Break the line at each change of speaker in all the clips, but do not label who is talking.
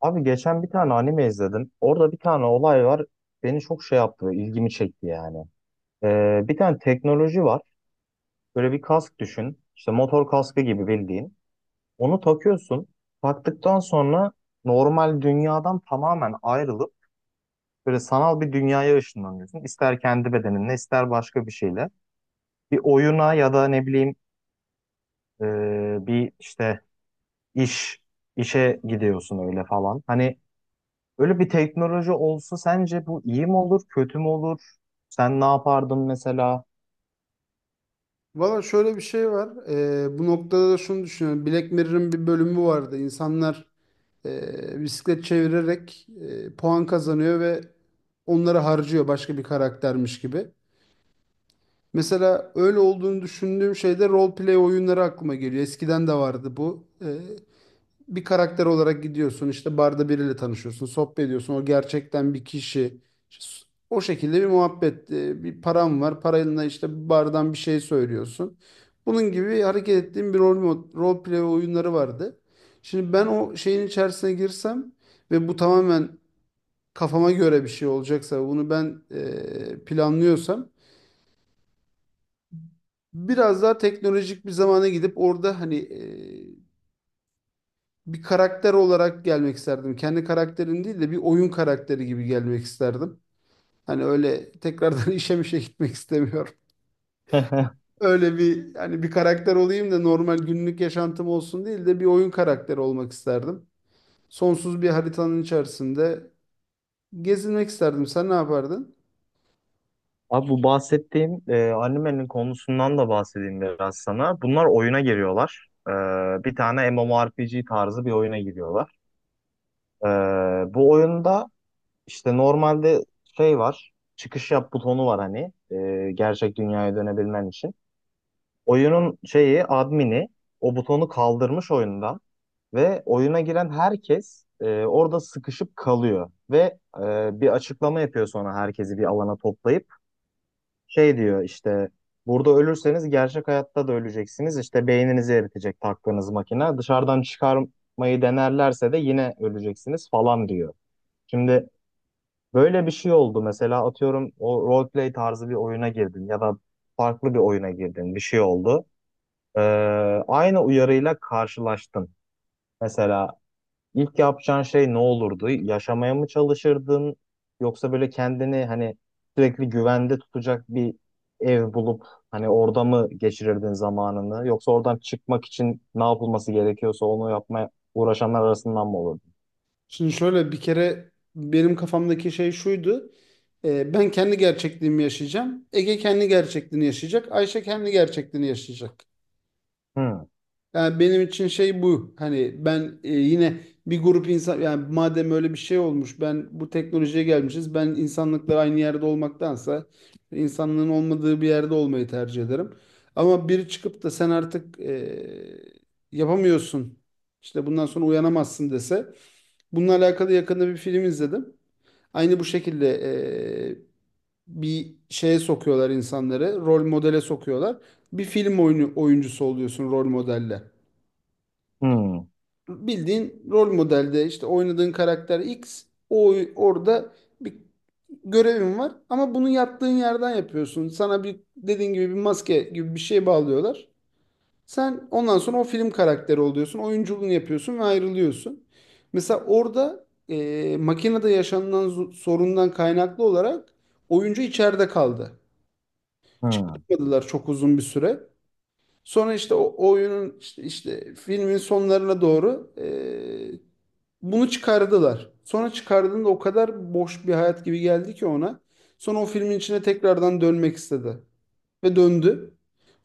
Abi geçen bir tane anime izledim. Orada bir tane olay var. Beni çok şey yaptı, ilgimi çekti yani. Bir tane teknoloji var. Böyle bir kask düşün. İşte motor kaskı gibi bildiğin. Onu takıyorsun. Taktıktan sonra normal dünyadan tamamen ayrılıp böyle sanal bir dünyaya ışınlanıyorsun. İster kendi bedeninle, ister başka bir şeyle. Bir oyuna ya da ne bileyim e, bir iş, işe gidiyorsun öyle falan. Hani böyle bir teknoloji olsa sence bu iyi mi olur, kötü mü olur? Sen ne yapardın mesela?
Valla şöyle bir şey var. Bu noktada da şunu düşünüyorum. Black Mirror'ın bir bölümü vardı. İnsanlar bisiklet çevirerek puan kazanıyor ve onları harcıyor başka bir karaktermiş gibi. Mesela öyle olduğunu düşündüğüm şeyde role play oyunları aklıma geliyor. Eskiden de vardı bu. Bir karakter olarak gidiyorsun, işte barda biriyle tanışıyorsun, sohbet ediyorsun, o gerçekten bir kişi. İşte o şekilde bir muhabbet, bir param var, parayla işte bardan bir şey söylüyorsun, bunun gibi hareket ettiğim bir rol play oyunları vardı. Şimdi ben o şeyin içerisine girsem ve bu tamamen kafama göre bir şey olacaksa, bunu ben planlıyorsam, biraz daha teknolojik bir zamana gidip orada hani bir karakter olarak gelmek isterdim. Kendi karakterin değil de bir oyun karakteri gibi gelmek isterdim. Hani öyle tekrardan işe mişe gitmek istemiyorum. Öyle bir hani bir karakter olayım da normal günlük yaşantım olsun değil de bir oyun karakteri olmak isterdim. Sonsuz bir haritanın içerisinde gezinmek isterdim. Sen ne yapardın?
Abi bu bahsettiğim animenin konusundan da bahsedeyim biraz sana. Bunlar oyuna giriyorlar. Bir tane MMORPG tarzı bir oyuna giriyorlar. E, Bu oyunda işte normalde şey var, çıkış yap butonu var hani gerçek dünyaya dönebilmen için. Oyunun şeyi, admini o butonu kaldırmış oyundan. Ve oyuna giren herkes orada sıkışıp kalıyor. Ve bir açıklama yapıyor sonra herkesi bir alana toplayıp. Şey diyor işte burada ölürseniz gerçek hayatta da öleceksiniz. İşte beyninizi eritecek taktığınız makine. Dışarıdan çıkarmayı denerlerse de yine öleceksiniz falan diyor. Şimdi böyle bir şey oldu. Mesela atıyorum o roleplay tarzı bir oyuna girdin ya da farklı bir oyuna girdin. Bir şey oldu. E, aynı uyarıyla karşılaştın. Mesela İlk yapacağın şey ne olurdu? Yaşamaya mı çalışırdın? Yoksa böyle kendini hani sürekli güvende tutacak bir ev bulup hani orada mı geçirirdin zamanını? Yoksa oradan çıkmak için ne yapılması gerekiyorsa onu yapmaya uğraşanlar arasından mı olurdun?
Şimdi şöyle, bir kere benim kafamdaki şey şuydu. Ben kendi gerçekliğimi yaşayacağım. Ege kendi gerçekliğini yaşayacak. Ayşe kendi gerçekliğini yaşayacak.
Hmm,
Yani benim için şey bu. Hani ben yine bir grup insan, yani madem öyle bir şey olmuş, ben bu teknolojiye gelmişiz. Ben insanlıkla aynı yerde olmaktansa insanlığın olmadığı bir yerde olmayı tercih ederim. Ama biri çıkıp da sen artık yapamıyorsun, İşte bundan sonra uyanamazsın dese. Bununla alakalı yakında bir film izledim. Aynı bu şekilde e, bir şeye sokuyorlar insanları. Rol modele sokuyorlar. Bir oyuncusu oluyorsun rol modelle,
hmm,
bildiğin rol modelde işte oynadığın karakter X. O orada bir görevin var ama bunu yattığın yerden yapıyorsun. Sana bir dediğin gibi bir maske gibi bir şey bağlıyorlar. Sen ondan sonra o film karakteri oluyorsun. Oyunculuğunu yapıyorsun ve ayrılıyorsun. Mesela orada makinede yaşanılan sorundan kaynaklı olarak oyuncu içeride kaldı.
hmm.
Çıkartmadılar çok uzun bir süre. Sonra işte o oyunun işte filmin sonlarına doğru bunu çıkardılar. Sonra çıkardığında o kadar boş bir hayat gibi geldi ki ona. Sonra o filmin içine tekrardan dönmek istedi ve döndü.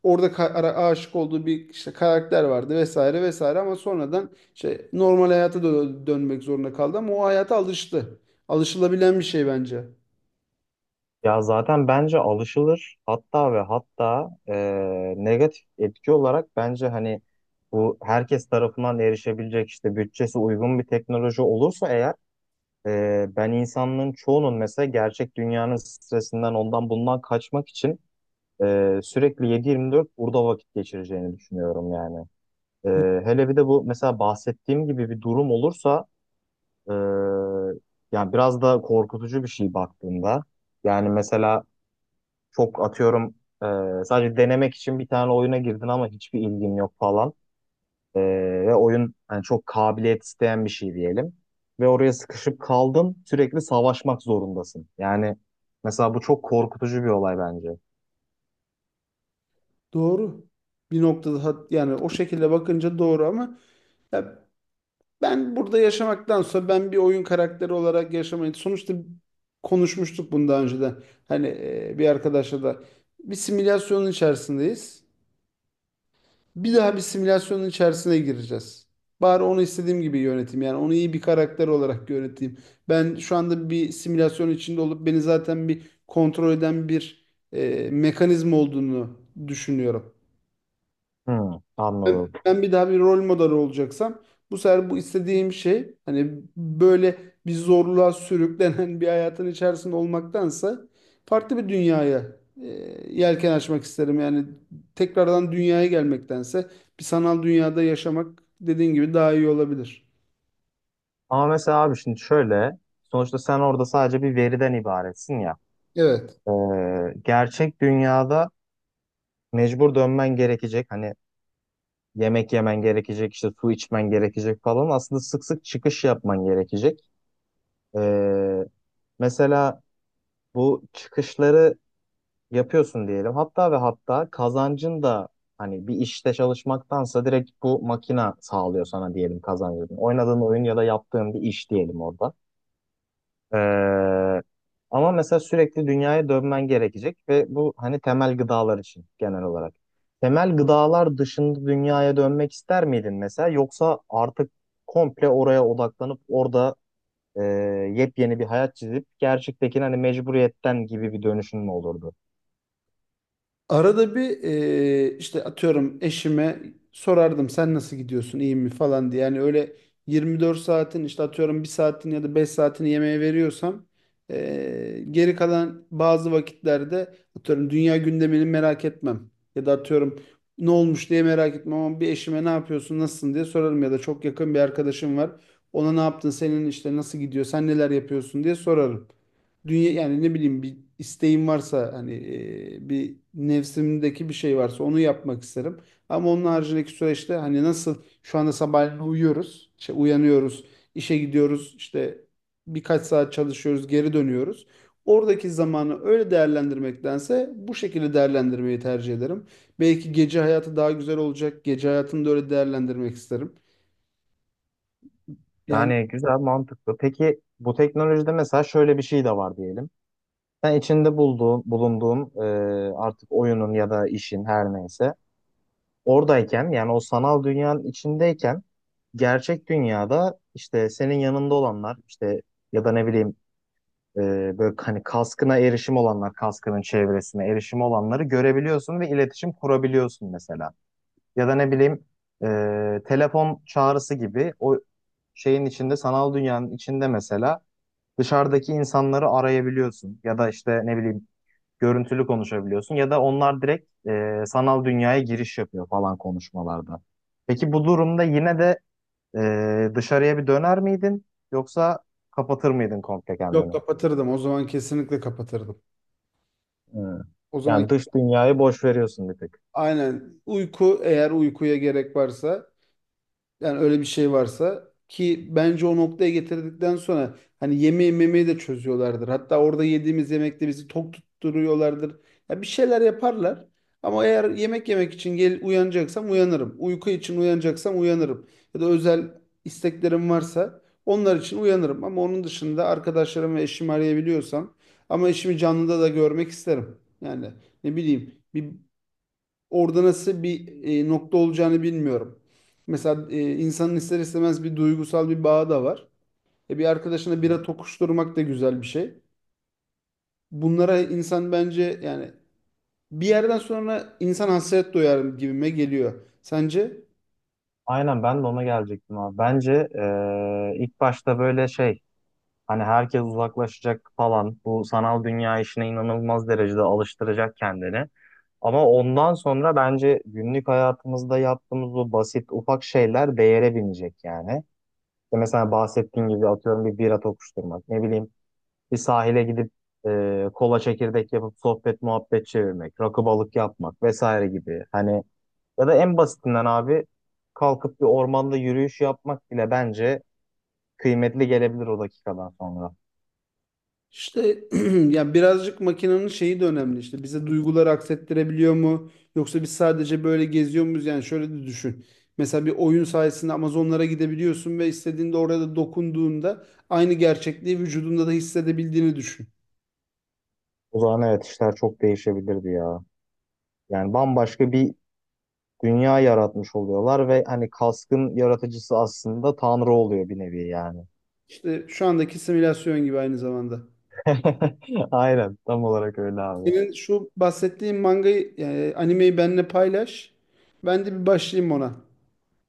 Orada aşık olduğu bir işte karakter vardı vesaire vesaire, ama sonradan işte normal hayata dönmek zorunda kaldı, ama o hayata alıştı. Alışılabilen bir şey bence.
Ya zaten bence alışılır. Hatta ve hatta negatif etki olarak bence hani bu herkes tarafından erişebilecek işte bütçesi uygun bir teknoloji olursa eğer. Ben insanlığın çoğunun mesela gerçek dünyanın stresinden ondan bundan kaçmak için sürekli 7-24 burada vakit geçireceğini düşünüyorum yani. Ee, Hele bir de bu mesela bahsettiğim gibi bir durum olursa, e, yani biraz da korkutucu bir şey baktığında. Yani mesela çok atıyorum, sadece denemek için bir tane oyuna girdin ama hiçbir ilgin yok falan. Ee, Ve oyun hani çok kabiliyet isteyen bir şey diyelim. Ve oraya sıkışıp kaldın, sürekli savaşmak zorundasın. Yani mesela bu çok korkutucu bir olay bence.
Doğru. Bir noktada yani o şekilde bakınca doğru ama ya, ben burada yaşamaktansa ben bir oyun karakteri olarak yaşamayı, sonuçta konuşmuştuk bunu daha önceden. Hani bir arkadaşla da, bir simülasyonun içerisindeyiz. Bir daha bir simülasyonun içerisine gireceğiz. Bari onu istediğim gibi yöneteyim. Yani onu iyi bir karakter olarak yöneteyim. Ben şu anda bir simülasyon içinde olup beni zaten bir kontrol eden bir mekanizma olduğunu düşünüyorum.
Hmm, anladım.
Ben bir daha bir rol model olacaksam, bu sefer bu istediğim şey, hani böyle bir zorluğa sürüklenen bir hayatın içerisinde olmaktansa farklı bir dünyaya e, yelken açmak isterim. Yani tekrardan dünyaya gelmektense bir sanal dünyada yaşamak, dediğin gibi, daha iyi olabilir.
Ama mesela abi şimdi şöyle sonuçta sen orada sadece bir veriden ibaretsin ya.
Evet.
Gerçek dünyada mecbur dönmen gerekecek. Hani yemek yemen gerekecek, işte su içmen gerekecek falan. Aslında sık sık çıkış yapman gerekecek. Ee, mesela bu çıkışları yapıyorsun diyelim. Hatta ve hatta kazancın da hani bir işte çalışmaktansa direkt bu makina sağlıyor sana diyelim kazancını. Oynadığın oyun ya da yaptığın bir iş diyelim orada. Ee, Ama mesela sürekli dünyaya dönmen gerekecek ve bu hani temel gıdalar için genel olarak. Temel gıdalar dışında dünyaya dönmek ister miydin mesela yoksa artık komple oraya odaklanıp orada e, yepyeni bir hayat çizip gerçektekini hani mecburiyetten gibi bir dönüşün mü olurdu?
Arada bir işte atıyorum eşime sorardım, sen nasıl gidiyorsun, iyi mi falan diye. Yani öyle 24 saatin işte atıyorum bir saatin ya da 5 saatini yemeğe veriyorsam, geri kalan bazı vakitlerde atıyorum dünya gündemini merak etmem. Ya da atıyorum ne olmuş diye merak etmem, ama bir eşime ne yapıyorsun, nasılsın diye sorarım. Ya da çok yakın bir arkadaşım var, ona ne yaptın, senin işte nasıl gidiyor, sen neler yapıyorsun diye sorarım. Dünya, yani ne bileyim, bir isteğim varsa, hani bir nefsimdeki bir şey varsa onu yapmak isterim. Ama onun haricindeki süreçte, hani nasıl şu anda sabahleyin uyuyoruz, işte uyanıyoruz, işe gidiyoruz, işte birkaç saat çalışıyoruz, geri dönüyoruz. Oradaki zamanı öyle değerlendirmektense bu şekilde değerlendirmeyi tercih ederim. Belki gece hayatı daha güzel olacak. Gece hayatını da öyle değerlendirmek isterim. Yani
Yani güzel, mantıklı. Peki bu teknolojide mesela şöyle bir şey de var diyelim. Sen içinde bulduğun, bulunduğun, artık oyunun ya da işin her neyse oradayken, yani o sanal dünyanın içindeyken, gerçek dünyada işte senin yanında olanlar işte ya da ne bileyim, e, böyle hani kaskına erişim olanlar, kaskının çevresine erişim olanları görebiliyorsun ve iletişim kurabiliyorsun mesela. Ya da ne bileyim, e, telefon çağrısı gibi o şeyin içinde, sanal dünyanın içinde mesela dışarıdaki insanları arayabiliyorsun ya da işte ne bileyim görüntülü konuşabiliyorsun ya da onlar direkt sanal dünyaya giriş yapıyor falan konuşmalarda. Peki bu durumda yine de dışarıya bir döner miydin, yoksa kapatır mıydın komple
yok,
kendini?
kapatırdım. O zaman kesinlikle kapatırdım.
Hmm.
O zaman
Yani dış dünyayı boş veriyorsun bir tık.
aynen. Uyku, eğer uykuya gerek varsa, yani öyle bir şey varsa ki, bence o noktaya getirdikten sonra hani yemeği memeyi de çözüyorlardır. Hatta orada yediğimiz yemekte bizi tok tutturuyorlardır. Ya bir şeyler yaparlar. Ama eğer yemek yemek için gel uyanacaksam, uyanırım. Uyku için uyanacaksam uyanırım. Ya da özel isteklerim varsa onlar için uyanırım. Ama onun dışında arkadaşlarım ve eşimi arayabiliyorsam, ama eşimi canlıda da görmek isterim. Yani ne bileyim, bir orada nasıl bir nokta olacağını bilmiyorum. Mesela insanın ister istemez bir duygusal bir bağı da var. Bir arkadaşına bira tokuşturmak da güzel bir şey. Bunlara insan bence, yani bir yerden sonra insan hasret duyar gibime geliyor. Sence?
Aynen ben de ona gelecektim abi. Bence ilk başta böyle şey, hani herkes uzaklaşacak falan bu sanal dünya işine inanılmaz derecede alıştıracak kendini. Ama ondan sonra bence günlük hayatımızda yaptığımız o basit ufak şeyler değere binecek yani. İşte mesela bahsettiğim gibi atıyorum bir bira tokuşturmak, ne bileyim bir sahile gidip kola çekirdek yapıp sohbet muhabbet çevirmek, rakı balık yapmak vesaire gibi. Hani ya da en basitinden abi kalkıp bir ormanda yürüyüş yapmak bile bence kıymetli gelebilir o dakikadan sonra.
İşte ya birazcık makinenin şeyi de önemli, işte bize duyguları aksettirebiliyor mu, yoksa biz sadece böyle geziyor muyuz? Yani şöyle de düşün. Mesela bir oyun sayesinde Amazonlara gidebiliyorsun ve istediğinde orada dokunduğunda aynı gerçekliği vücudunda da hissedebildiğini düşün.
O zaman evet, işler çok değişebilirdi ya. Yani bambaşka bir dünya yaratmış oluyorlar ve hani kaskın yaratıcısı aslında Tanrı oluyor bir nevi yani.
İşte şu andaki simülasyon gibi aynı zamanda.
Aynen, tam olarak öyle abi.
Senin şu bahsettiğin mangayı yani animeyi benimle paylaş. Ben de bir başlayayım ona.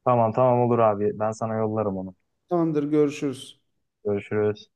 Tamam, olur abi. Ben sana yollarım onu.
Tamamdır, görüşürüz.
Görüşürüz.